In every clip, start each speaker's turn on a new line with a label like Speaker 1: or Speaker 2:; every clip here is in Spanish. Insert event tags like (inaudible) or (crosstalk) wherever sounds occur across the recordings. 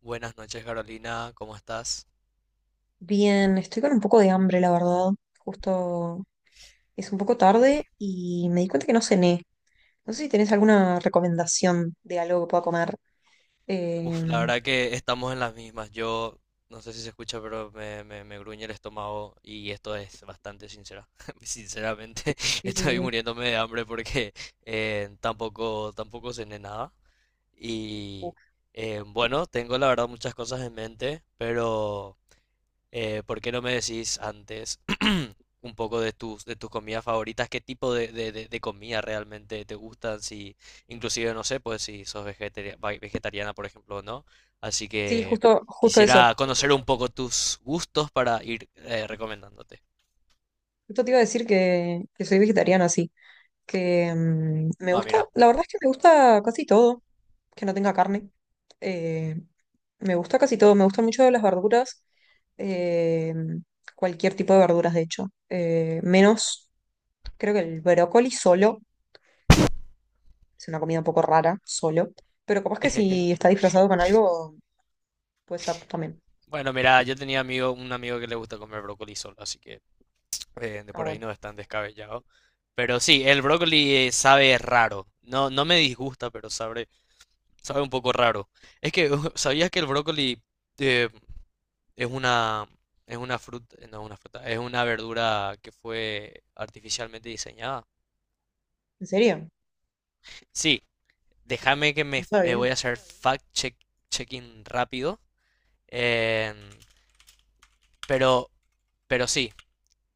Speaker 1: Buenas noches, Carolina, ¿cómo estás?
Speaker 2: Bien, estoy con un poco de hambre, la verdad. Justo es un poco tarde y me di cuenta que no cené. No sé si tenés alguna recomendación de algo que pueda
Speaker 1: Uf,
Speaker 2: comer. Eh,
Speaker 1: uf, la verdad que estamos en las mismas. Yo no sé si se escucha, pero me gruñe el estómago y esto es bastante sincera. (laughs) Sinceramente, (laughs)
Speaker 2: sí, sí,
Speaker 1: estoy
Speaker 2: sí.
Speaker 1: muriéndome de hambre porque tampoco cené nada.
Speaker 2: Uf.
Speaker 1: Y bueno, tengo la verdad muchas cosas en mente, pero... ¿por qué no me decís antes (clears throat) un poco de tus comidas favoritas? ¿Qué tipo de comida realmente te gustan? Si, inclusive, no sé, pues si sos vegetariana, por ejemplo, o no. Así
Speaker 2: Sí,
Speaker 1: que
Speaker 2: justo, justo eso.
Speaker 1: quisiera conocer un poco tus gustos para ir recomendándote.
Speaker 2: Justo te iba a decir que soy vegetariana, sí. Que me
Speaker 1: Ah,
Speaker 2: gusta,
Speaker 1: mira.
Speaker 2: la verdad es que me gusta casi todo, que no tenga carne. Eh, me gusta casi todo, me gustan mucho las verduras, eh, cualquier tipo de verduras, de hecho. Menos creo que el brócoli solo es una comida un poco rara, solo. Pero capaz que si está
Speaker 1: (laughs)
Speaker 2: disfrazado con algo, puede ser también.
Speaker 1: Bueno, mira, un amigo que le gusta comer brócoli solo, así que de
Speaker 2: Ah,
Speaker 1: por ahí
Speaker 2: bueno.
Speaker 1: no es tan descabellado. Pero sí, el brócoli sabe raro. No, no me disgusta, pero sabe un poco raro. Es que, (laughs) ¿sabías que el brócoli eh, es una, no es una fruta, es una verdura que fue artificialmente diseñada?
Speaker 2: ¿En serio?
Speaker 1: Sí, déjame que me
Speaker 2: No
Speaker 1: f-
Speaker 2: sabía. No
Speaker 1: voy a hacer checking rápido. em, pero, pero sí,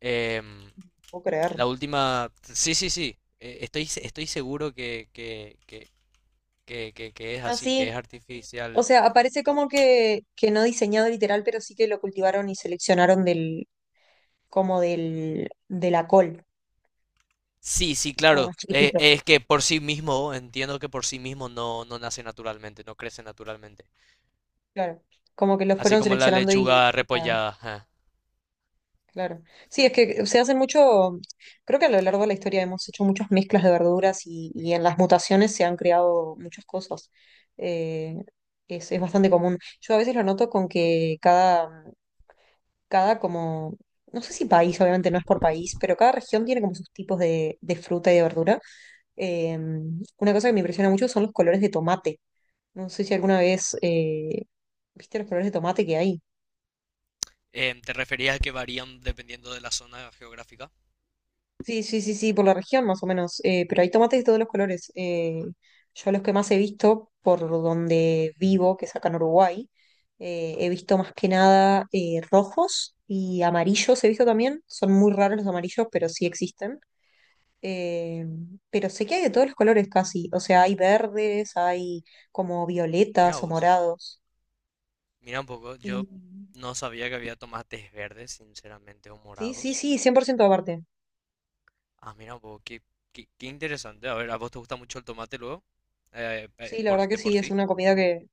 Speaker 1: em,
Speaker 2: puedo creer.
Speaker 1: la última, sí, sí, sí, estoy, se- estoy seguro que es
Speaker 2: Ah,
Speaker 1: así, que
Speaker 2: sí.
Speaker 1: es
Speaker 2: O
Speaker 1: artificial.
Speaker 2: sea, aparece como que no diseñado literal, pero sí que lo cultivaron y seleccionaron de la col,
Speaker 1: Sí, sí,
Speaker 2: que es como
Speaker 1: claro.
Speaker 2: más chiquitito.
Speaker 1: Es que por sí mismo, entiendo que por sí mismo no, no nace naturalmente, no crece naturalmente.
Speaker 2: Claro. Como que lo
Speaker 1: Así
Speaker 2: fueron
Speaker 1: como la
Speaker 2: seleccionando
Speaker 1: lechuga
Speaker 2: y la-
Speaker 1: repollada. Ajá.
Speaker 2: Claro. Sí, es que se hacen mucho, creo que a lo largo de la historia hemos hecho muchas mezclas de verduras y en las mutaciones se han creado muchas cosas. Eh, es bastante común. Yo a veces lo noto con que cada como, no sé si país, obviamente no es por país, pero cada región tiene como sus tipos de fruta y de verdura. Eh, una cosa que me impresiona mucho son los colores de tomate. No sé si alguna vez viste los colores de tomate que hay.
Speaker 1: ¿Te referías a que varían dependiendo de la zona geográfica?
Speaker 2: Sí, sí, sí, sí, por la región más o menos. Pero hay tomates de todos los colores. Yo los que más he visto por donde vivo, que es acá en Uruguay, he visto más que nada rojos y amarillos he visto también. Son muy raros los amarillos, pero sí existen. eh, pero sé que hay de todos los colores casi. O sea, hay verdes, hay como
Speaker 1: Mira
Speaker 2: violetas o
Speaker 1: vos,
Speaker 2: morados.
Speaker 1: mira un poco.
Speaker 2: Y
Speaker 1: Yo no sabía que había tomates verdes, sinceramente, o
Speaker 2: sí, sí,
Speaker 1: morados.
Speaker 2: sí, 100% aparte.
Speaker 1: Ah, mira un poco, qué interesante. A ver, ¿a vos te gusta mucho el tomate luego?
Speaker 2: Sí, la
Speaker 1: Por,
Speaker 2: verdad que
Speaker 1: de por
Speaker 2: sí, es
Speaker 1: sí.
Speaker 2: una comida que,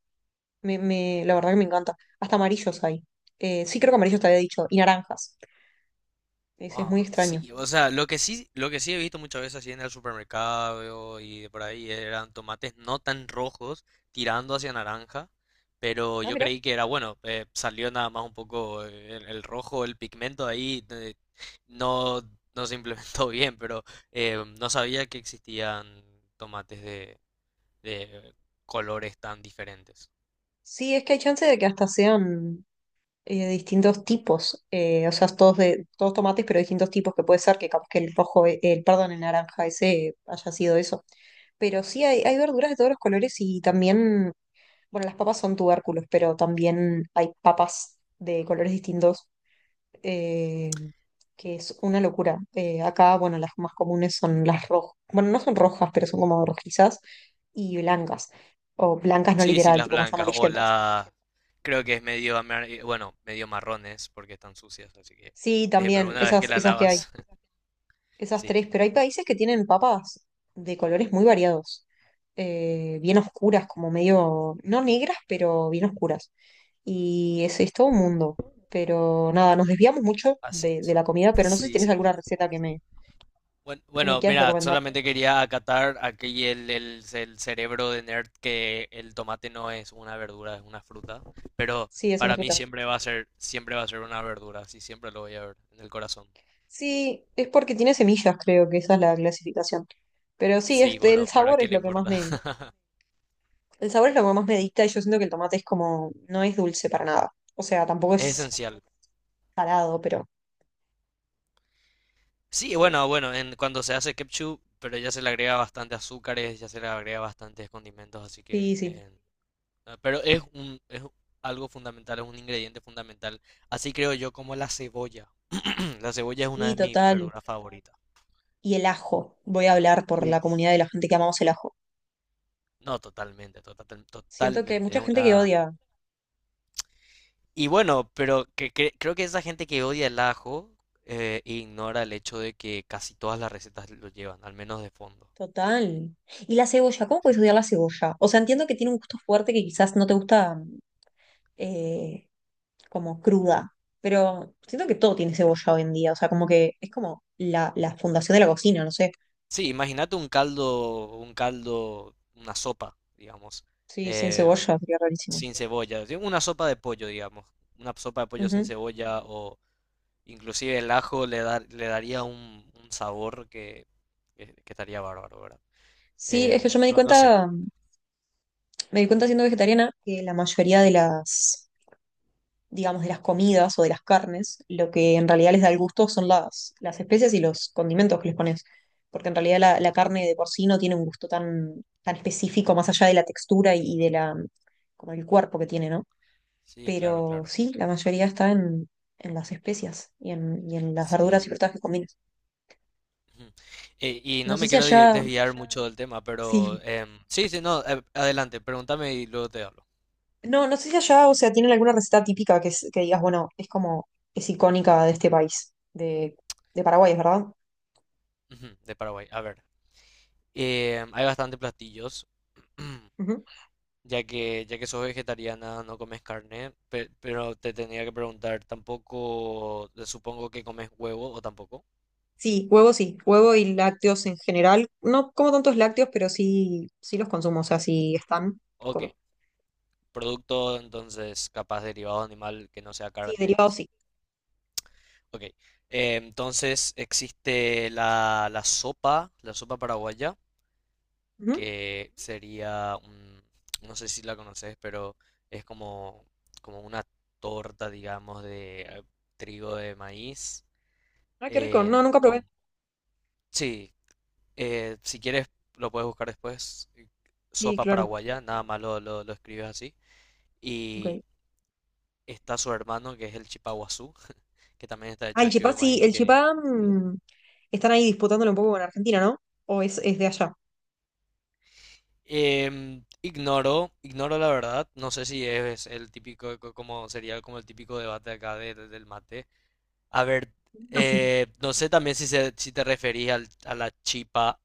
Speaker 2: La verdad que me encanta. Hasta amarillos hay. Sí, creo que amarillos te había dicho. Y naranjas. Es muy
Speaker 1: Ah,
Speaker 2: extraño.
Speaker 1: sí, o sea, lo que sí he visto muchas veces así en el supermercado y de por ahí eran tomates no tan rojos, tirando hacia naranja, pero
Speaker 2: Ah,
Speaker 1: yo
Speaker 2: mira.
Speaker 1: creí que era bueno, salió nada más un poco el rojo, el pigmento ahí no, no se implementó (laughs) bien, pero no sabía que existían tomates de colores tan diferentes.
Speaker 2: Sí, es que hay chance de que hasta sean distintos tipos. O sea, todos, de, todos tomates, pero distintos tipos que puede ser que capaz que el rojo, perdón, el naranja ese haya sido eso. Pero sí, hay verduras de todos los colores y también, bueno, las papas son tubérculos, pero también hay papas de colores distintos eh, que es una locura. Acá, bueno, las más comunes son las rojas, bueno, no son rojas, pero son como rojizas y blancas, o
Speaker 1: Ujú.
Speaker 2: blancas no
Speaker 1: Sí, sí,
Speaker 2: literal,
Speaker 1: las
Speaker 2: tipo más
Speaker 1: blancas o
Speaker 2: amarillentas.
Speaker 1: la... Creo que es medio marrones porque están sucias, así que...
Speaker 2: Sí,
Speaker 1: pero
Speaker 2: también,
Speaker 1: una vez que la
Speaker 2: esas que hay,
Speaker 1: lavas, (laughs)
Speaker 2: esas
Speaker 1: sí,
Speaker 2: tres, pero hay países que tienen papas de colores muy variados, bien oscuras, como medio, no negras, pero bien oscuras. Y ese es todo un mundo. Pero nada, nos desviamos mucho
Speaker 1: así
Speaker 2: de
Speaker 1: es.
Speaker 2: la comida, pero no sé si
Speaker 1: Sí,
Speaker 2: tienes
Speaker 1: sí.
Speaker 2: alguna receta que me
Speaker 1: Bueno,
Speaker 2: quieras
Speaker 1: mira,
Speaker 2: recomendar.
Speaker 1: solamente quería acatar aquí el cerebro de nerd que el tomate no es una verdura, es una fruta, pero
Speaker 2: Sí, es una
Speaker 1: para mí
Speaker 2: fruta.
Speaker 1: siempre va a ser una verdura, así siempre lo voy a ver en el corazón.
Speaker 2: Sí, es porque tiene semillas, creo que esa es la clasificación. Pero sí,
Speaker 1: Sí,
Speaker 2: este,
Speaker 1: bueno, pero ¿a quién le importa? (laughs)
Speaker 2: el sabor es lo que más me dicta y yo siento que el tomate es como, no es dulce para nada. O sea, tampoco
Speaker 1: Es
Speaker 2: es
Speaker 1: esencial.
Speaker 2: salado, pero
Speaker 1: Sí,
Speaker 2: sí.
Speaker 1: bueno, cuando se hace ketchup, pero ya se le agrega bastante azúcares, ya se le agrega bastantes condimentos, así que...
Speaker 2: Sí, sí.
Speaker 1: pero es un, es algo fundamental, es un ingrediente fundamental. Así creo yo como la cebolla. (clears throat) La cebolla es una
Speaker 2: Sí,
Speaker 1: de mis
Speaker 2: total.
Speaker 1: verduras favoritas.
Speaker 2: Y el ajo. Voy a hablar por la
Speaker 1: Uf,
Speaker 2: comunidad de la gente que amamos el ajo.
Speaker 1: no, totalmente,
Speaker 2: Siento que hay
Speaker 1: totalmente. Es
Speaker 2: mucha gente que
Speaker 1: una...
Speaker 2: odia.
Speaker 1: Y bueno, pero que, creo que esa gente que odia el ajo ignora el hecho de que casi todas las recetas lo llevan, al menos de fondo.
Speaker 2: Total. Y la cebolla, ¿cómo puedes odiar la cebolla? O sea, entiendo que tiene un gusto fuerte que quizás no te gusta, eh, como cruda, pero siento que todo tiene cebolla hoy en día, o sea, como que es como la fundación de la cocina, no sé.
Speaker 1: Sí, imagínate un caldo, una sopa, digamos,
Speaker 2: Sí, sin
Speaker 1: em,
Speaker 2: cebolla sería rarísimo.
Speaker 1: sin cebolla, sí, una sopa de pollo sin
Speaker 2: Ujú.
Speaker 1: cebolla o inclusive el ajo le daría un sabor que, que estaría bárbaro, ¿verdad?
Speaker 2: Sí, es que
Speaker 1: Em,
Speaker 2: yo
Speaker 1: no, no sé.
Speaker 2: me di cuenta siendo vegetariana que la mayoría digamos, de las comidas o de las carnes, lo que en realidad les da el gusto son las especias y los condimentos que les pones. Porque en realidad la carne de por sí no tiene un gusto tan específico más allá de la textura como el cuerpo que tiene, ¿no?
Speaker 1: Sí, claro,
Speaker 2: Pero
Speaker 1: claro.
Speaker 2: sí, la mayoría está en las especias y y en las verduras
Speaker 1: Sí.
Speaker 2: y frutas que combinas.
Speaker 1: Ujú. Y
Speaker 2: No
Speaker 1: no
Speaker 2: sé
Speaker 1: me
Speaker 2: si
Speaker 1: quiero
Speaker 2: allá,
Speaker 1: desviar mucho del tema, pero
Speaker 2: sí,
Speaker 1: em, sí, sí, no, adelante, pregúntame y luego te hablo.
Speaker 2: no, no sé si allá, o sea, tienen alguna receta típica que digas, bueno, es como, es icónica de este país, de Paraguay, es ¿verdad?
Speaker 1: Ujú, de Paraguay, a ver. Hay bastantes platillos. (clears throat)
Speaker 2: Ujú.
Speaker 1: Ya que sos vegetariana, no comes carne, pero te tenía que preguntar, tampoco, supongo que comes huevo o tampoco.
Speaker 2: Sí, huevo y lácteos en general. No como tantos lácteos, pero sí, sí los consumo, o sea, sí están
Speaker 1: Ok,
Speaker 2: como.
Speaker 1: producto entonces capaz derivado de animal que no sea
Speaker 2: Sí,
Speaker 1: carne,
Speaker 2: derivados
Speaker 1: sí.
Speaker 2: sí.
Speaker 1: Ok, entonces existe la sopa paraguaya,
Speaker 2: Ujú.
Speaker 1: que sería, no sé si la conoces, pero es como, como una torta, digamos, de trigo de maíz,
Speaker 2: Ah, qué rico, no,
Speaker 1: em,
Speaker 2: nunca probé.
Speaker 1: con... Sí, eh, si quieres, lo puedes buscar después.
Speaker 2: Sí,
Speaker 1: Sopa
Speaker 2: claro.
Speaker 1: paraguaya, nada más lo escribes así. Y
Speaker 2: Ok.
Speaker 1: está su hermano, que es el chipaguazú, (laughs) que también está
Speaker 2: Ah,
Speaker 1: hecho
Speaker 2: el
Speaker 1: de trigo
Speaker 2: Chipá,
Speaker 1: de
Speaker 2: sí,
Speaker 1: maíz,
Speaker 2: el
Speaker 1: que...
Speaker 2: Chipá están ahí disputándolo un poco con Argentina, ¿no? ¿O es de allá?
Speaker 1: Em, ignoro la verdad. No sé si es el típico, como sería como el típico debate acá del mate. A ver,
Speaker 2: Ah, sí.
Speaker 1: no sé también si, si te referís a la chipa,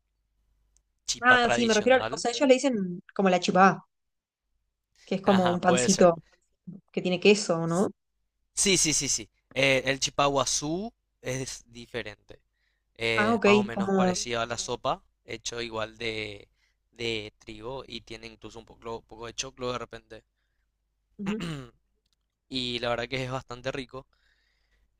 Speaker 1: chipa
Speaker 2: Ah, sí, me refiero al- O
Speaker 1: tradicional.
Speaker 2: sea, ellos le dicen como la Chipá, que es
Speaker 1: (laughs)
Speaker 2: como
Speaker 1: Ajá,
Speaker 2: un
Speaker 1: puede ser.
Speaker 2: pancito que tiene queso, ¿no?
Speaker 1: Sí, sí, sí, sí. El chipaguazú es diferente.
Speaker 2: Ah,
Speaker 1: Es
Speaker 2: ok,
Speaker 1: más o menos
Speaker 2: como...
Speaker 1: parecido a la sopa, hecho igual de trigo y tiene incluso un poco, poco de choclo de repente.
Speaker 2: ujú.
Speaker 1: (clears throat) Y la verdad que es bastante rico.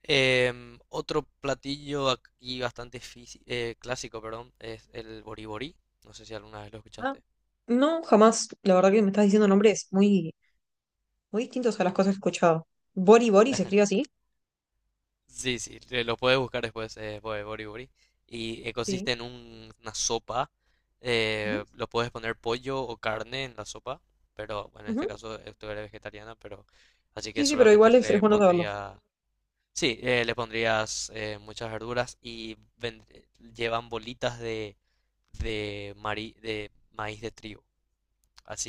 Speaker 1: Em, otro platillo aquí bastante clásico, perdón, es el boriborí. No sé si alguna vez lo
Speaker 2: Ah,
Speaker 1: escuchaste.
Speaker 2: no, jamás. La verdad que me estás diciendo nombres muy, muy distintos a las cosas que he escuchado. Bori Bori se escribe así.
Speaker 1: Sí, sí, te lo puedes buscar después, Bori Bori. Y
Speaker 2: Sí.
Speaker 1: consiste en una sopa.
Speaker 2: Ujú,
Speaker 1: Eh, lo puedes poner pollo o carne en la sopa. Pero bueno, en este
Speaker 2: ujú.
Speaker 1: caso tú eres vegetariana, pero así
Speaker 2: Sí,
Speaker 1: que
Speaker 2: sí, pero
Speaker 1: solamente
Speaker 2: igual es
Speaker 1: le
Speaker 2: bueno saberlo.
Speaker 1: pondría. Sí, le pondrías muchas verduras y llevan bolitas de maíz de trigo.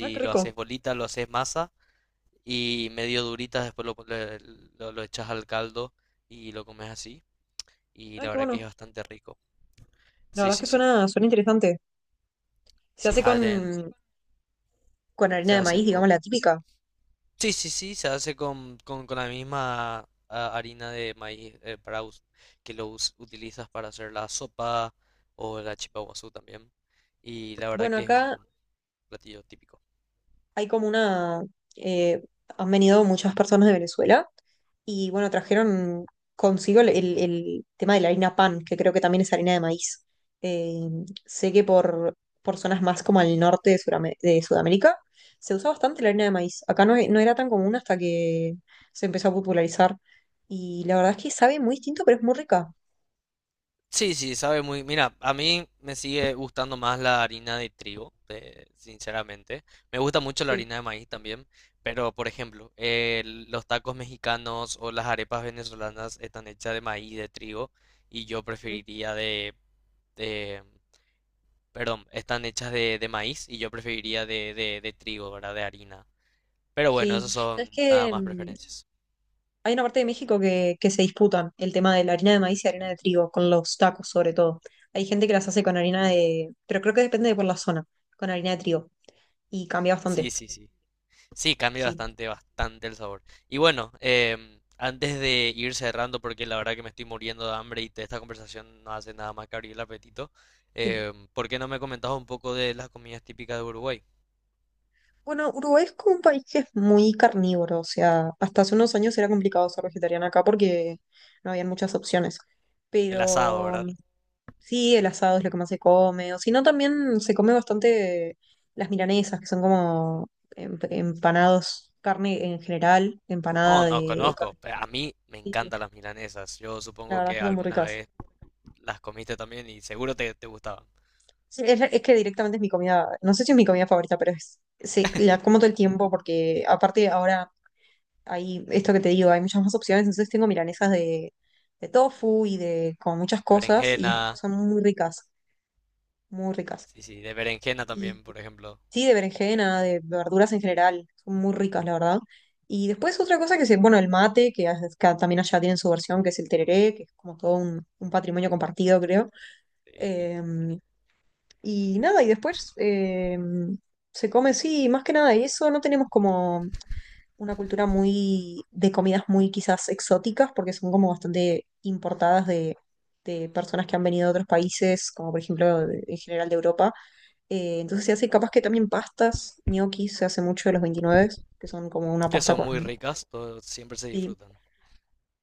Speaker 2: Ah, qué
Speaker 1: lo
Speaker 2: rico.
Speaker 1: haces bolita, lo haces masa y medio duritas, después lo echas al caldo y lo comes así y
Speaker 2: Ah,
Speaker 1: la
Speaker 2: qué
Speaker 1: verdad que es
Speaker 2: bueno.
Speaker 1: bastante rico.
Speaker 2: La
Speaker 1: Sí,
Speaker 2: verdad es
Speaker 1: sí,
Speaker 2: que
Speaker 1: sí.
Speaker 2: suena, suena interesante. Se
Speaker 1: Sí,
Speaker 2: hace
Speaker 1: adent
Speaker 2: con harina
Speaker 1: se
Speaker 2: de
Speaker 1: hace
Speaker 2: maíz,
Speaker 1: con...
Speaker 2: digamos, la típica.
Speaker 1: Sí, sí, sí, se hace con la misma ah, harina de maíz que utilizas para hacer la sopa o la chipa guazú también. Y la verdad
Speaker 2: Bueno,
Speaker 1: que es
Speaker 2: acá
Speaker 1: un platillo típico.
Speaker 2: hay como una... eh, han venido muchas personas de Venezuela y bueno, trajeron consigo el tema de la harina pan, que creo que también es harina de maíz. Eh, sé que por zonas más como al norte de, de Sudamérica se usa bastante la harina de maíz. Acá no, no era tan común hasta que se empezó a popularizar. Y la verdad es que sabe muy distinto, pero es muy rica.
Speaker 1: Sí, sí, sabe muy. Mira, a mí me sigue gustando más la harina de trigo, sinceramente. Me gusta mucho la
Speaker 2: Sí.
Speaker 1: harina de maíz también, pero por ejemplo, los tacos mexicanos o las arepas venezolanas están hechas de maíz, de trigo, y yo
Speaker 2: Ujú.
Speaker 1: preferiría de- perdón, están hechas de maíz y yo preferiría de trigo, ¿verdad? De harina. Pero bueno,
Speaker 2: Sí.
Speaker 1: esos
Speaker 2: ¿Sabes
Speaker 1: son nada
Speaker 2: qué?
Speaker 1: más preferencias.
Speaker 2: Hay una parte de México que se disputan el tema de la harina de maíz y harina de trigo, con los tacos sobre todo. Hay gente que las hace con harina de, pero creo que depende de por la zona, con harina de trigo. Y cambia bastante.
Speaker 1: Sí, sí, sí. Sí, cambia
Speaker 2: Sí.
Speaker 1: bastante, bastante el sabor. Y bueno,
Speaker 2: sí,
Speaker 1: em, antes de ir cerrando, porque la verdad que me estoy muriendo de hambre y esta conversación no hace nada más que abrir el apetito,
Speaker 2: sí.
Speaker 1: em, ¿por qué no me comentabas un poco de las comidas típicas de Uruguay?
Speaker 2: Bueno, Uruguay es como un país que es muy carnívoro, o sea, hasta hace unos años era complicado ser vegetariana acá porque no había muchas opciones.
Speaker 1: El asado,
Speaker 2: Pero
Speaker 1: ¿verdad?
Speaker 2: sí, el asado es lo que más se come. O si no, también se come bastante las milanesas, que son como empanados, carne en general,
Speaker 1: Oh,
Speaker 2: empanada
Speaker 1: no
Speaker 2: de
Speaker 1: conozco.
Speaker 2: carne.
Speaker 1: A mí me
Speaker 2: Sí,
Speaker 1: encantan las milanesas. Yo
Speaker 2: la
Speaker 1: supongo
Speaker 2: verdad es
Speaker 1: que
Speaker 2: que son muy
Speaker 1: alguna
Speaker 2: ricas.
Speaker 1: vez las comiste también y seguro te, te gustaban.
Speaker 2: Sí, es que directamente es mi comida, no sé si es mi comida favorita, pero es, sí, la como todo el tiempo porque aparte ahora hay esto que te digo, hay muchas más opciones, entonces tengo milanesas de tofu y de como muchas cosas y
Speaker 1: Berenjena,
Speaker 2: son muy ricas, muy ricas.
Speaker 1: sí, sí, de berenjena también, por ejemplo.
Speaker 2: Sí, de berenjena, de verduras en general, son muy ricas, la verdad. Y después otra cosa que se, bueno, el mate, que acá también allá tienen su versión, que es el tereré, que es como todo un patrimonio compartido, creo.
Speaker 1: Sí,
Speaker 2: Eh, y nada, y después se come, sí, más que nada, y eso no tenemos como una cultura muy de comidas muy quizás exóticas, porque son como bastante importadas de personas que han venido de otros países, como por ejemplo en general de Europa. Entonces se hace capaz que también pastas, gnocchi se hace mucho de los 29, que son como una
Speaker 1: que
Speaker 2: pasta
Speaker 1: son
Speaker 2: con...
Speaker 1: muy ricas, siempre se
Speaker 2: Sí,
Speaker 1: disfrutan.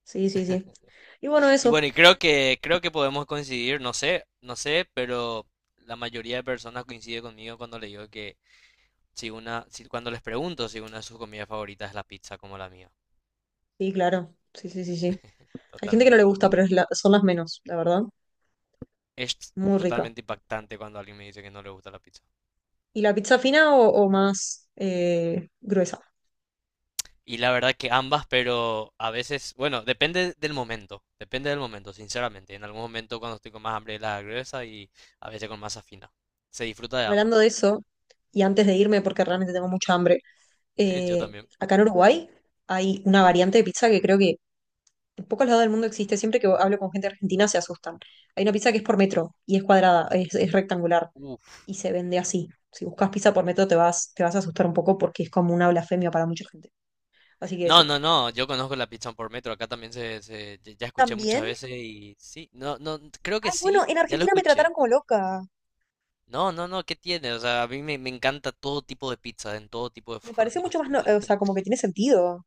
Speaker 2: sí, sí, sí. Y bueno,
Speaker 1: Y
Speaker 2: eso,
Speaker 1: bueno, y creo que podemos coincidir, no sé, no sé, pero la mayoría de personas coincide conmigo cuando le digo que si una, si, cuando les pregunto si una de sus comidas favoritas es la pizza como la mía,
Speaker 2: sí, claro, sí, sí, sí, sí. Hay gente que no le
Speaker 1: totalmente.
Speaker 2: gusta, pero es la- son las menos, la verdad.
Speaker 1: Es
Speaker 2: Muy rica.
Speaker 1: totalmente impactante cuando alguien me dice que no le gusta la pizza.
Speaker 2: ¿Y la pizza fina o más gruesa?
Speaker 1: Y la verdad que ambas, pero a veces, bueno, depende del momento, sinceramente. En algún momento cuando estoy con más hambre la gruesa y a veces con masa fina. Se disfruta de
Speaker 2: Hablando
Speaker 1: ambas.
Speaker 2: de eso, y antes de irme, porque realmente tengo mucha hambre,
Speaker 1: (laughs) Yo
Speaker 2: eh,
Speaker 1: también.
Speaker 2: acá en Uruguay hay una variante de pizza que creo que en pocos lados del mundo existe. Siempre que hablo con gente argentina se asustan. Hay una pizza que es por metro y es cuadrada, es rectangular y se vende así. Si buscas pizza por metro te vas a asustar un poco porque es como una blasfemia para mucha gente. Así que
Speaker 1: No,
Speaker 2: eso.
Speaker 1: no, no, yo conozco la pizza por metro, acá también ya ya escuché muchas
Speaker 2: También,
Speaker 1: veces y sí, no, no, creo que
Speaker 2: ay, bueno,
Speaker 1: sí,
Speaker 2: en
Speaker 1: ya lo
Speaker 2: Argentina me trataron
Speaker 1: escuché.
Speaker 2: como loca.
Speaker 1: No, no, no, ¿qué tiene? O sea, a mí me encanta todo tipo de pizza, en todo tipo de (laughs)
Speaker 2: Me parece
Speaker 1: formas.
Speaker 2: mucho más, o
Speaker 1: ¿Entendés?
Speaker 2: sea, como que tiene sentido.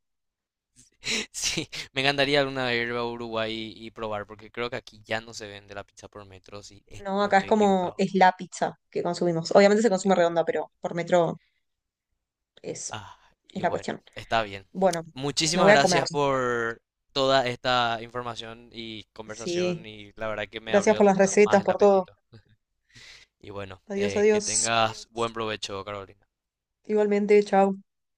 Speaker 1: Sí, me encantaría alguna vez ir a Uruguay y probar, porque creo que aquí ya no se vende la pizza por metro, si
Speaker 2: No,
Speaker 1: no
Speaker 2: acá es
Speaker 1: estoy
Speaker 2: como,
Speaker 1: equivocado.
Speaker 2: es la pizza que consumimos. Obviamente se
Speaker 1: Sí.
Speaker 2: consume redonda, pero por metro es,
Speaker 1: Ah, y
Speaker 2: es la
Speaker 1: bueno,
Speaker 2: cuestión.
Speaker 1: está bien.
Speaker 2: Bueno, me
Speaker 1: Muchísimas
Speaker 2: voy a comer.
Speaker 1: gracias por toda esta información y conversación
Speaker 2: Sí.
Speaker 1: y la verdad que me
Speaker 2: Gracias
Speaker 1: abrió
Speaker 2: por las
Speaker 1: más
Speaker 2: recetas,
Speaker 1: el
Speaker 2: por todo.
Speaker 1: apetito. Y bueno,
Speaker 2: Adiós,
Speaker 1: que
Speaker 2: adiós.
Speaker 1: tengas buen provecho, Carolina.
Speaker 2: Igualmente, chao.